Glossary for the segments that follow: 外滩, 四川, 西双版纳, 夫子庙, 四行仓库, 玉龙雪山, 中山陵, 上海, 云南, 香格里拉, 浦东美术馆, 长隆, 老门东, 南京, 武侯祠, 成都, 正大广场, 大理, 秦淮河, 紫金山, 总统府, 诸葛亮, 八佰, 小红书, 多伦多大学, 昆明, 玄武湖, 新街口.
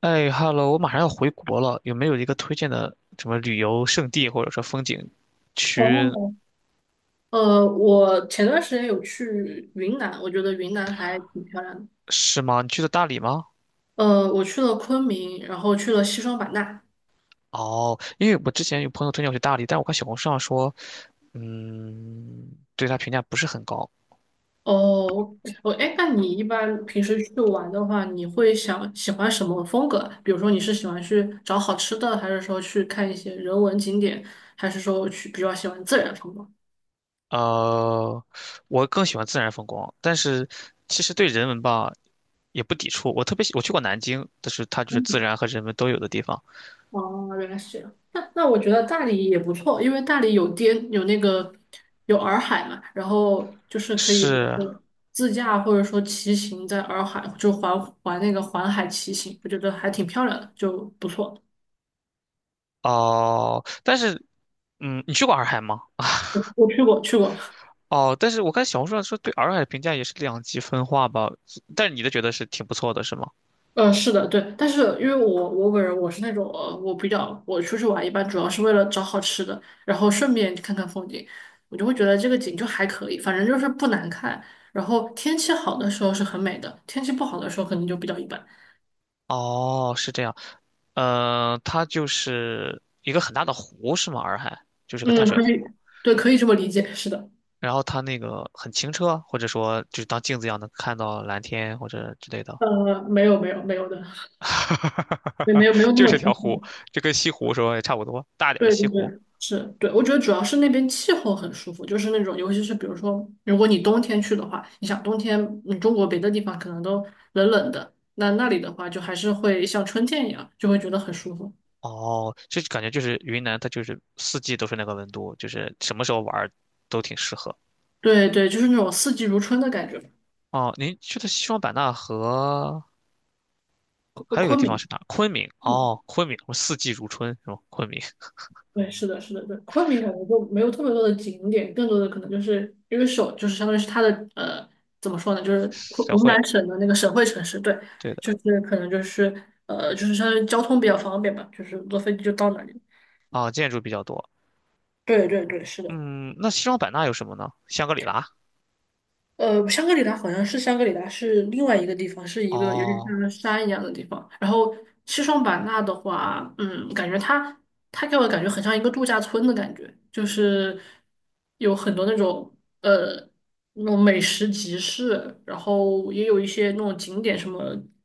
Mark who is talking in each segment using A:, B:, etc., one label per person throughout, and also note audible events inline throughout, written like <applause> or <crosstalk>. A: 哎，Hello，我马上要回国了，有没有一个推荐的什么旅游胜地或者说风景区。
B: 哦，我前段时间有去云南，我觉得云南还挺漂亮的。
A: 是吗？你去的大理吗？
B: 我去了昆明，然后去了西双版纳。
A: 哦，因为我之前有朋友推荐我去大理，但我看小红书上说，嗯，对他评价不是很高。
B: 哦，我哎，那你一般平时去玩的话，你会想喜欢什么风格啊比如说你是喜欢去找好吃的，还是说去看一些人文景点，还是说去比较喜欢自然风光？
A: 呃，我更喜欢自然风光，但是其实对人文吧也不抵触。我特别喜，我去过南京，但是它就是自然和人文都有的地方。
B: 哦，原来是这样。那我觉得大理也不错，因为大理有滇有那个有洱海嘛，然后就是可以比如
A: 是。
B: 说自驾或者说骑行在洱海，就环那个环海骑行，我觉得还挺漂亮的，就不错。
A: 哦，但是你去过洱海吗？
B: 我去过，
A: 哦，但是我看小红书上说对洱海的评价也是两极分化吧，但是你的觉得是挺不错的，是吗？
B: 是的，对，但是因为我本人我是那种我比较我出去玩一般主要是为了找好吃的，然后顺便看看风景，我就会觉得这个景就还可以，反正就是不难看。然后天气好的时候是很美的，天气不好的时候可能就比较一般。
A: 哦，是这样，它就是一个很大的湖，是吗？洱海就是个淡
B: 嗯，
A: 水
B: 可以，
A: 湖，
B: 对，可以这么理解，是的。
A: 然后它那个很清澈，或者说就是当镜子一样能看到蓝天或者之类的，
B: 没有的，没有
A: <laughs>
B: 那
A: 就
B: 么
A: 是条
B: 轻
A: 湖，
B: 松。
A: 就跟西湖说也差不多，大点儿的
B: 对
A: 西
B: 对
A: 湖。
B: 对，是，对，我觉得主要是那边气候很舒服，就是那种，尤其是比如说，如果你冬天去的话，你想冬天，嗯，中国别的地方可能都冷冷的，那那里的话就还是会像春天一样，就会觉得很舒服。
A: 哦，这感觉就是云南，它就是四季都是那个温度，就是什么时候玩儿都挺适合。
B: 对对，就是那种四季如春的感觉吧。
A: 哦，您去的西双版纳和
B: 昆
A: 还有一个
B: 昆
A: 地方
B: 明，
A: 是哪？昆明。
B: 嗯，
A: 哦，昆明，我四季如春是吗？昆明 <laughs>
B: 对，是的，是的，对，昆明可能就没有特别多的景点，更多的可能就是因为首就是相当于是它的怎么说呢，就是昆
A: 小
B: 云
A: 慧，
B: 南省的那个省会城市，对，
A: 对的。
B: 就是可能就是就是相当于交通比较方便吧，就是坐飞机就到那里。
A: 哦，建筑比较多。
B: 对对对，是的。
A: 嗯，那西双版纳有什么呢？香格里拉。
B: 香格里拉好像是香格里拉是另外一个地方，是一个有点
A: 哦，
B: 像山一样的地方。然后西双版纳的话，嗯，感觉它给我感觉很像一个度假村的感觉，就是有很多那种呃那种美食集市，然后也有一些那种景点什么，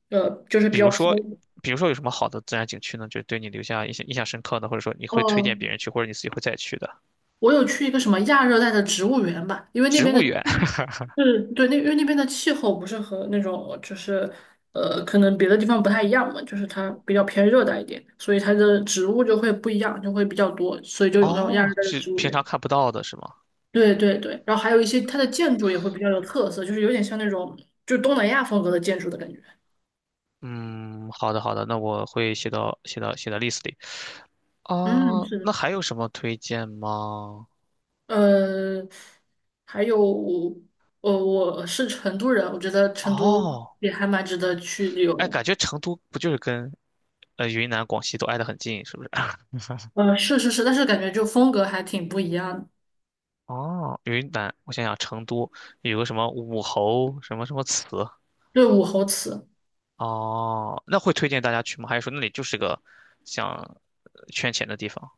B: 就是比
A: 比如
B: 较偏。
A: 说，有什么好的自然景区呢？就对你留下印象深刻的，或者说你会推荐别
B: 哦，
A: 人去，或者你自己会再去的。
B: 我有去一个什么亚热带的植物园吧，因为那
A: 植
B: 边
A: 物
B: 的气
A: 园。
B: 是，对，那因为那边的气候不是和那种就是可能别的地方不太一样嘛，就是它比较偏热带一点，所以它的植物就会不一样，就会比较多，所以就有那种亚
A: 哦，
B: 热带的
A: 是
B: 植物
A: 平
B: 园。
A: 常看不到的是吗？
B: 对对对，然后还有一些它的建筑也会比较有特色，就是有点像那种就东南亚风格的建筑的感觉。
A: 嗯，好的好的，那我会写到 list 里。
B: 嗯，
A: 哦，
B: 是
A: 那
B: 的，
A: 还有什么推荐吗？
B: 呃，还有，我是成都人，我觉得成都
A: 哦，
B: 也还蛮值得去旅游
A: 哎，
B: 的。
A: 感觉成都不就是跟云南、广西都挨得很近，是不是？<laughs>
B: 是是是，但是感觉就风格还挺不一样的。
A: 哦，云南，我想想，成都有个什么武侯什么什么祠，
B: 对，武侯祠，
A: 哦，那会推荐大家去吗？还是说那里就是个像圈钱的地方。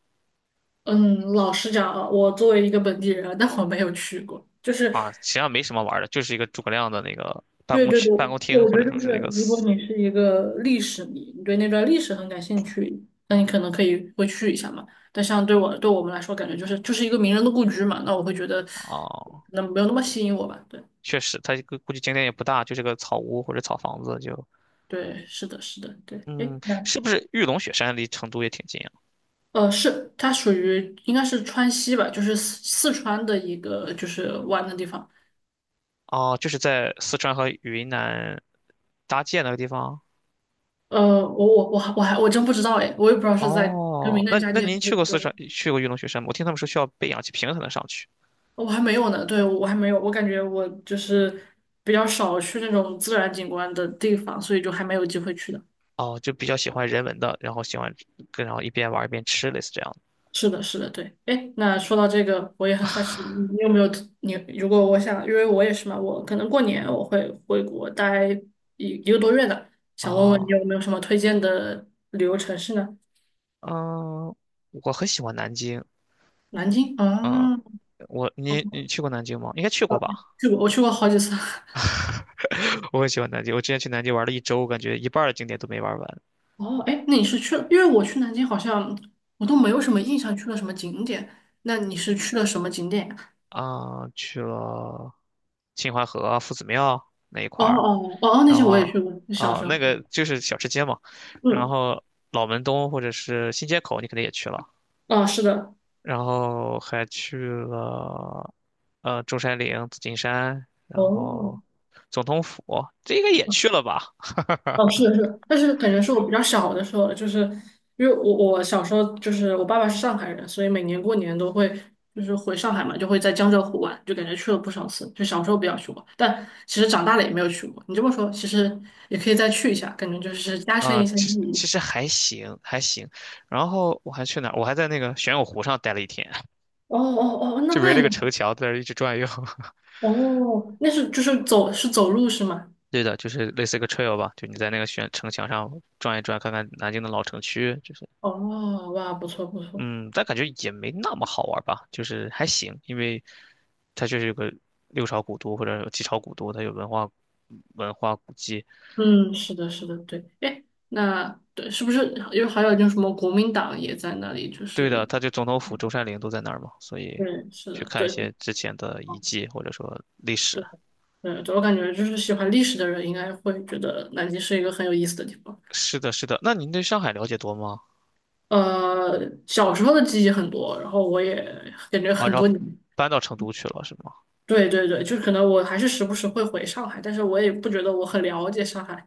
B: 嗯，老实讲啊，我作为一个本地人啊，<laughs> 但我没有去过。就是，
A: 啊？实际上没什么玩儿的，就是一个诸葛亮的那个办
B: 对
A: 公
B: 对对，
A: 区、办公
B: 对，
A: 厅，
B: 我觉
A: 或者
B: 得
A: 说
B: 就是，
A: 是这个
B: 如果
A: 祠。
B: 你是一个历史迷，你对那段历史很感兴趣，那你可能可以会去一下嘛。但像对我对我们来说，感觉就是一个名人的故居嘛，那我会觉得，
A: 哦，
B: 那没有那么吸引我吧。对
A: 确实，它这个估计景点也不大，就是个草屋或者草房子就。
B: 对，是的，是的，对，
A: 嗯，
B: 诶。那。
A: 是不是玉龙雪山离成都也挺近？啊？
B: 是，它属于应该是川西吧，就是四川的一个就是玩的地方。
A: 哦，就是在四川和云南搭界那个地方。
B: 我真不知道哎，我也不知道是在跟
A: 哦，
B: 名南
A: 那
B: 加
A: 那
B: 绩还
A: 您
B: 是
A: 去过四
B: 对，
A: 川，去过玉龙雪山吗？我听他们说需要背氧气瓶才能上去。
B: 我还没有呢，对，我还没有，我感觉我就是比较少去那种自然景观的地方，所以就还没有机会去的。
A: 哦，就比较喜欢人文的，然后喜欢跟然后一边玩一边吃，类似这样的。
B: 是的，是的，对。哎，那说到这个，我也很好奇，你有没有特你如果我想，因为我也是嘛，我可能过年我会回国待一个多月的，想问问你
A: 哦，
B: 有没有什么推荐的旅游城市呢？
A: 嗯，我很喜欢南京。
B: 南京
A: 嗯，
B: 啊，
A: 我你
B: 我
A: 你去过南京吗？应该去过吧？
B: 去过，我去过好几次。<laughs>
A: <laughs> 我很喜欢南京，我之前去南京玩了一周，感觉一半儿的景点都没玩完。
B: 哦，哎，那你是去了？因为我去南京好像我都没有什么印象，去了什么景点？那你是去了什么景点呀。
A: 啊、去了秦淮河啊、夫子庙那一
B: 哦
A: 块儿，
B: 哦哦，哦那
A: 然
B: 些我
A: 后
B: 也去过，小
A: 啊、
B: 时候。
A: 那个就是小吃街嘛，然
B: 嗯，
A: 后老门东或者是新街口，你肯定也去了，
B: 哦，是的，
A: 然后还去了中山陵、紫金山，然
B: 哦
A: 后总统府，这应该也去了吧？
B: 哦，是的，是的，但是感觉是我比较小的时候了就是因为我小时候就是我爸爸是上海人，所以每年过年都会就是回上海嘛，就会在江浙沪玩，就感觉去了不少次。就小时候比较去过，但其实长大了也没有去过。你这么说，其实也可以再去一下，感觉就是加深
A: 啊、
B: 一下
A: 其
B: 记
A: 实
B: 忆。
A: 其实还行，还行。然后我还去哪儿？我还在那个玄武湖上待了一天，<laughs>
B: 哦哦哦，那
A: 就围
B: 那
A: 着
B: 应
A: 个
B: 该。
A: 城墙在那儿一直转悠。
B: 哦，那是就是走是走路是吗？
A: 对的，就是类似一个 trail 吧，就你在那个悬城墙上转一转，看看南京的老城区，就是，
B: 哦，哇，不错不错，
A: 嗯，但感觉也没那么好玩吧，就是还行，因为它就是有个六朝古都或者有几朝古都，它有文化古迹。
B: 嗯，是的，是的，对，哎，那对，是不是因为还有就是什么国民党也在那里？就
A: 对的，
B: 是
A: 它就总统府、中山陵都在那儿嘛，所以
B: 对，是
A: 去
B: 的，
A: 看一
B: 对，
A: 些之前的遗
B: 哦，
A: 迹或者说历史。
B: 对对对，我感觉就是喜欢历史的人应该会觉得南京是一个很有意思的地方。
A: 是的，是的，那您对上海了解多吗？
B: 呃，小时候的记忆很多，然后我也感觉
A: 啊，
B: 很
A: 然
B: 多
A: 后
B: 年
A: 搬到成都去了是吗？
B: 对对对，就是可能我还是时不时会回上海，但是我也不觉得我很了解上海。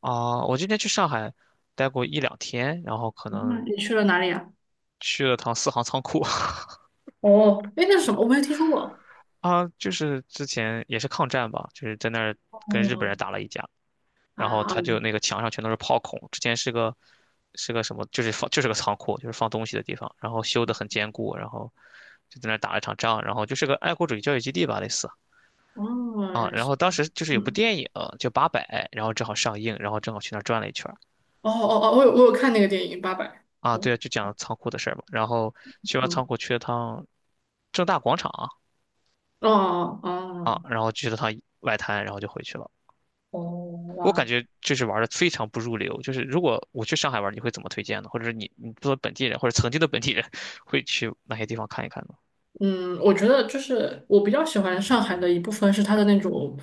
A: 啊，我今天去上海待过一两天，然后可
B: 那
A: 能
B: 你去了哪里啊？
A: 去了趟四行仓库。
B: 哦，哎，那是什么？我没有听说过。
A: <laughs> 啊，就是之前也是抗战吧，就是在那儿跟日本
B: 哦，
A: 人打了一架，然后
B: 啊，
A: 他就那个墙上全都是炮孔，之前是个什么，就是放就是个仓库，就是放东西的地方，然后修得很坚固，然后就在那儿打了一场仗，然后就是个爱国主义教育基地吧，类似
B: 哦，
A: 啊，
B: 原来
A: 然
B: 是
A: 后
B: 这
A: 当
B: 样，
A: 时就是有部
B: 嗯，
A: 电影叫《八佰》，然后正好上映，然后正好去那儿转了一圈儿。
B: 哦哦哦，我有看那个电影《八佰》，
A: 啊，
B: 对，
A: 对啊，就讲仓库的事儿嘛，然后去完
B: 嗯，
A: 仓库去了趟正大广场，
B: 哦
A: 啊，
B: 哦
A: 然后去了趟外滩，然后就回去了。
B: 哦，哦，
A: 我感
B: 哇，
A: 觉就是玩的非常不入流。就是如果我去上海玩，你会怎么推荐呢？或者是你作为本地人或者曾经的本地人，会去哪些地方看一看呢？
B: 嗯，我觉得就是我比较喜欢上海的一部分是它的那种，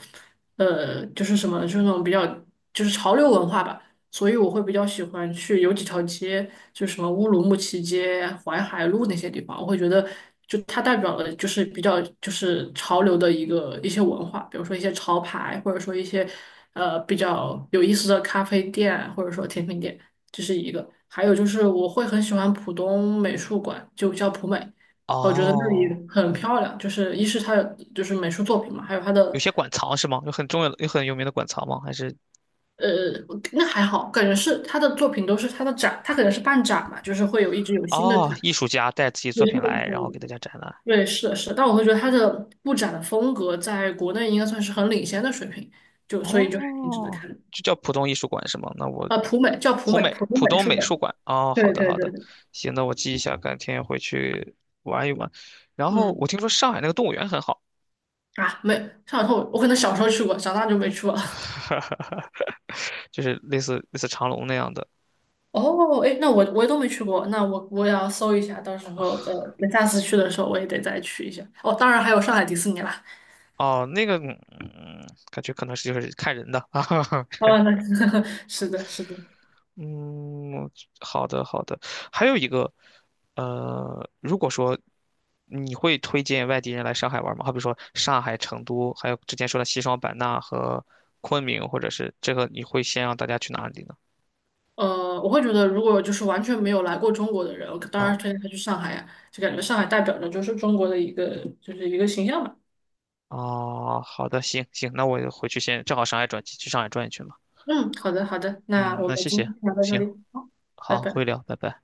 B: 就是什么，就是那种比较就是潮流文化吧，所以我会比较喜欢去有几条街，就是什么乌鲁木齐街、淮海路那些地方，我会觉得就它代表了就是比较就是潮流的一个一些文化，比如说一些潮牌，或者说一些比较有意思的咖啡店，或者说甜品店，这是一个。还有就是我会很喜欢浦东美术馆，就叫浦美。我觉得那里
A: 哦，
B: 很漂亮，就是一是它的就是美术作品嘛，还有它
A: 有
B: 的
A: 些馆藏是吗？有很重要的、有很有名的馆藏吗？还是
B: 呃，那还好，感觉是他的作品都是他的展，他可能是办展嘛，就是会有一直有新的展，
A: 哦，艺术家带自己
B: 有
A: 作
B: 新
A: 品
B: 的
A: 来，
B: 展
A: 然
B: 览。
A: 后给大家展览？
B: 对，是的，是的，但我会觉得他的布展的风格在国内应该算是很领先的水平，就所以就还挺值得
A: 哦，
B: 看的。
A: 就叫浦东艺术馆是吗？那我
B: 啊，普美叫普
A: 浦
B: 美，
A: 美
B: 普
A: 浦
B: 美美
A: 东
B: 术
A: 美
B: 馆。
A: 术馆。哦，好
B: 对
A: 的
B: 对
A: 好
B: 对
A: 的，
B: 对，
A: 行，那我记一下，改天回去玩一玩。然后
B: 嗯，
A: 我听说上海那个动物园很好。
B: 啊，没上头，我可能小时候去过，长大就没去过。
A: <laughs> 哈哈，就是类似长隆那样的。
B: 哦，哎，那我我都没去过，那我我也要搜一下，到时候那下次去的时候我也得再去一下。哦，当然还有上海迪士尼啦。
A: 哦，那个，感觉可能是就是看人的啊。<laughs>
B: 哦，那 <laughs> 是的，是的。
A: 嗯，好的好的。还有一个，如果说你会推荐外地人来上海玩吗？好比说上海、成都，还有之前说的西双版纳和昆明，或者是这个，你会先让大家去哪里呢？
B: 我会觉得如果就是完全没有来过中国的人，我当然
A: 啊，
B: 推荐他去上海呀，就感觉上海代表着就是中国的一个就是一个形象吧。
A: 哦，好的，行行，那我回去先，正好上海转机，去上海转一圈嘛。
B: 嗯，好的，好的，那
A: 嗯，
B: 我
A: 那
B: 们
A: 谢
B: 今
A: 谢，
B: 天就聊到这
A: 行，
B: 里，好，拜
A: 好，会
B: 拜。
A: 聊，拜拜。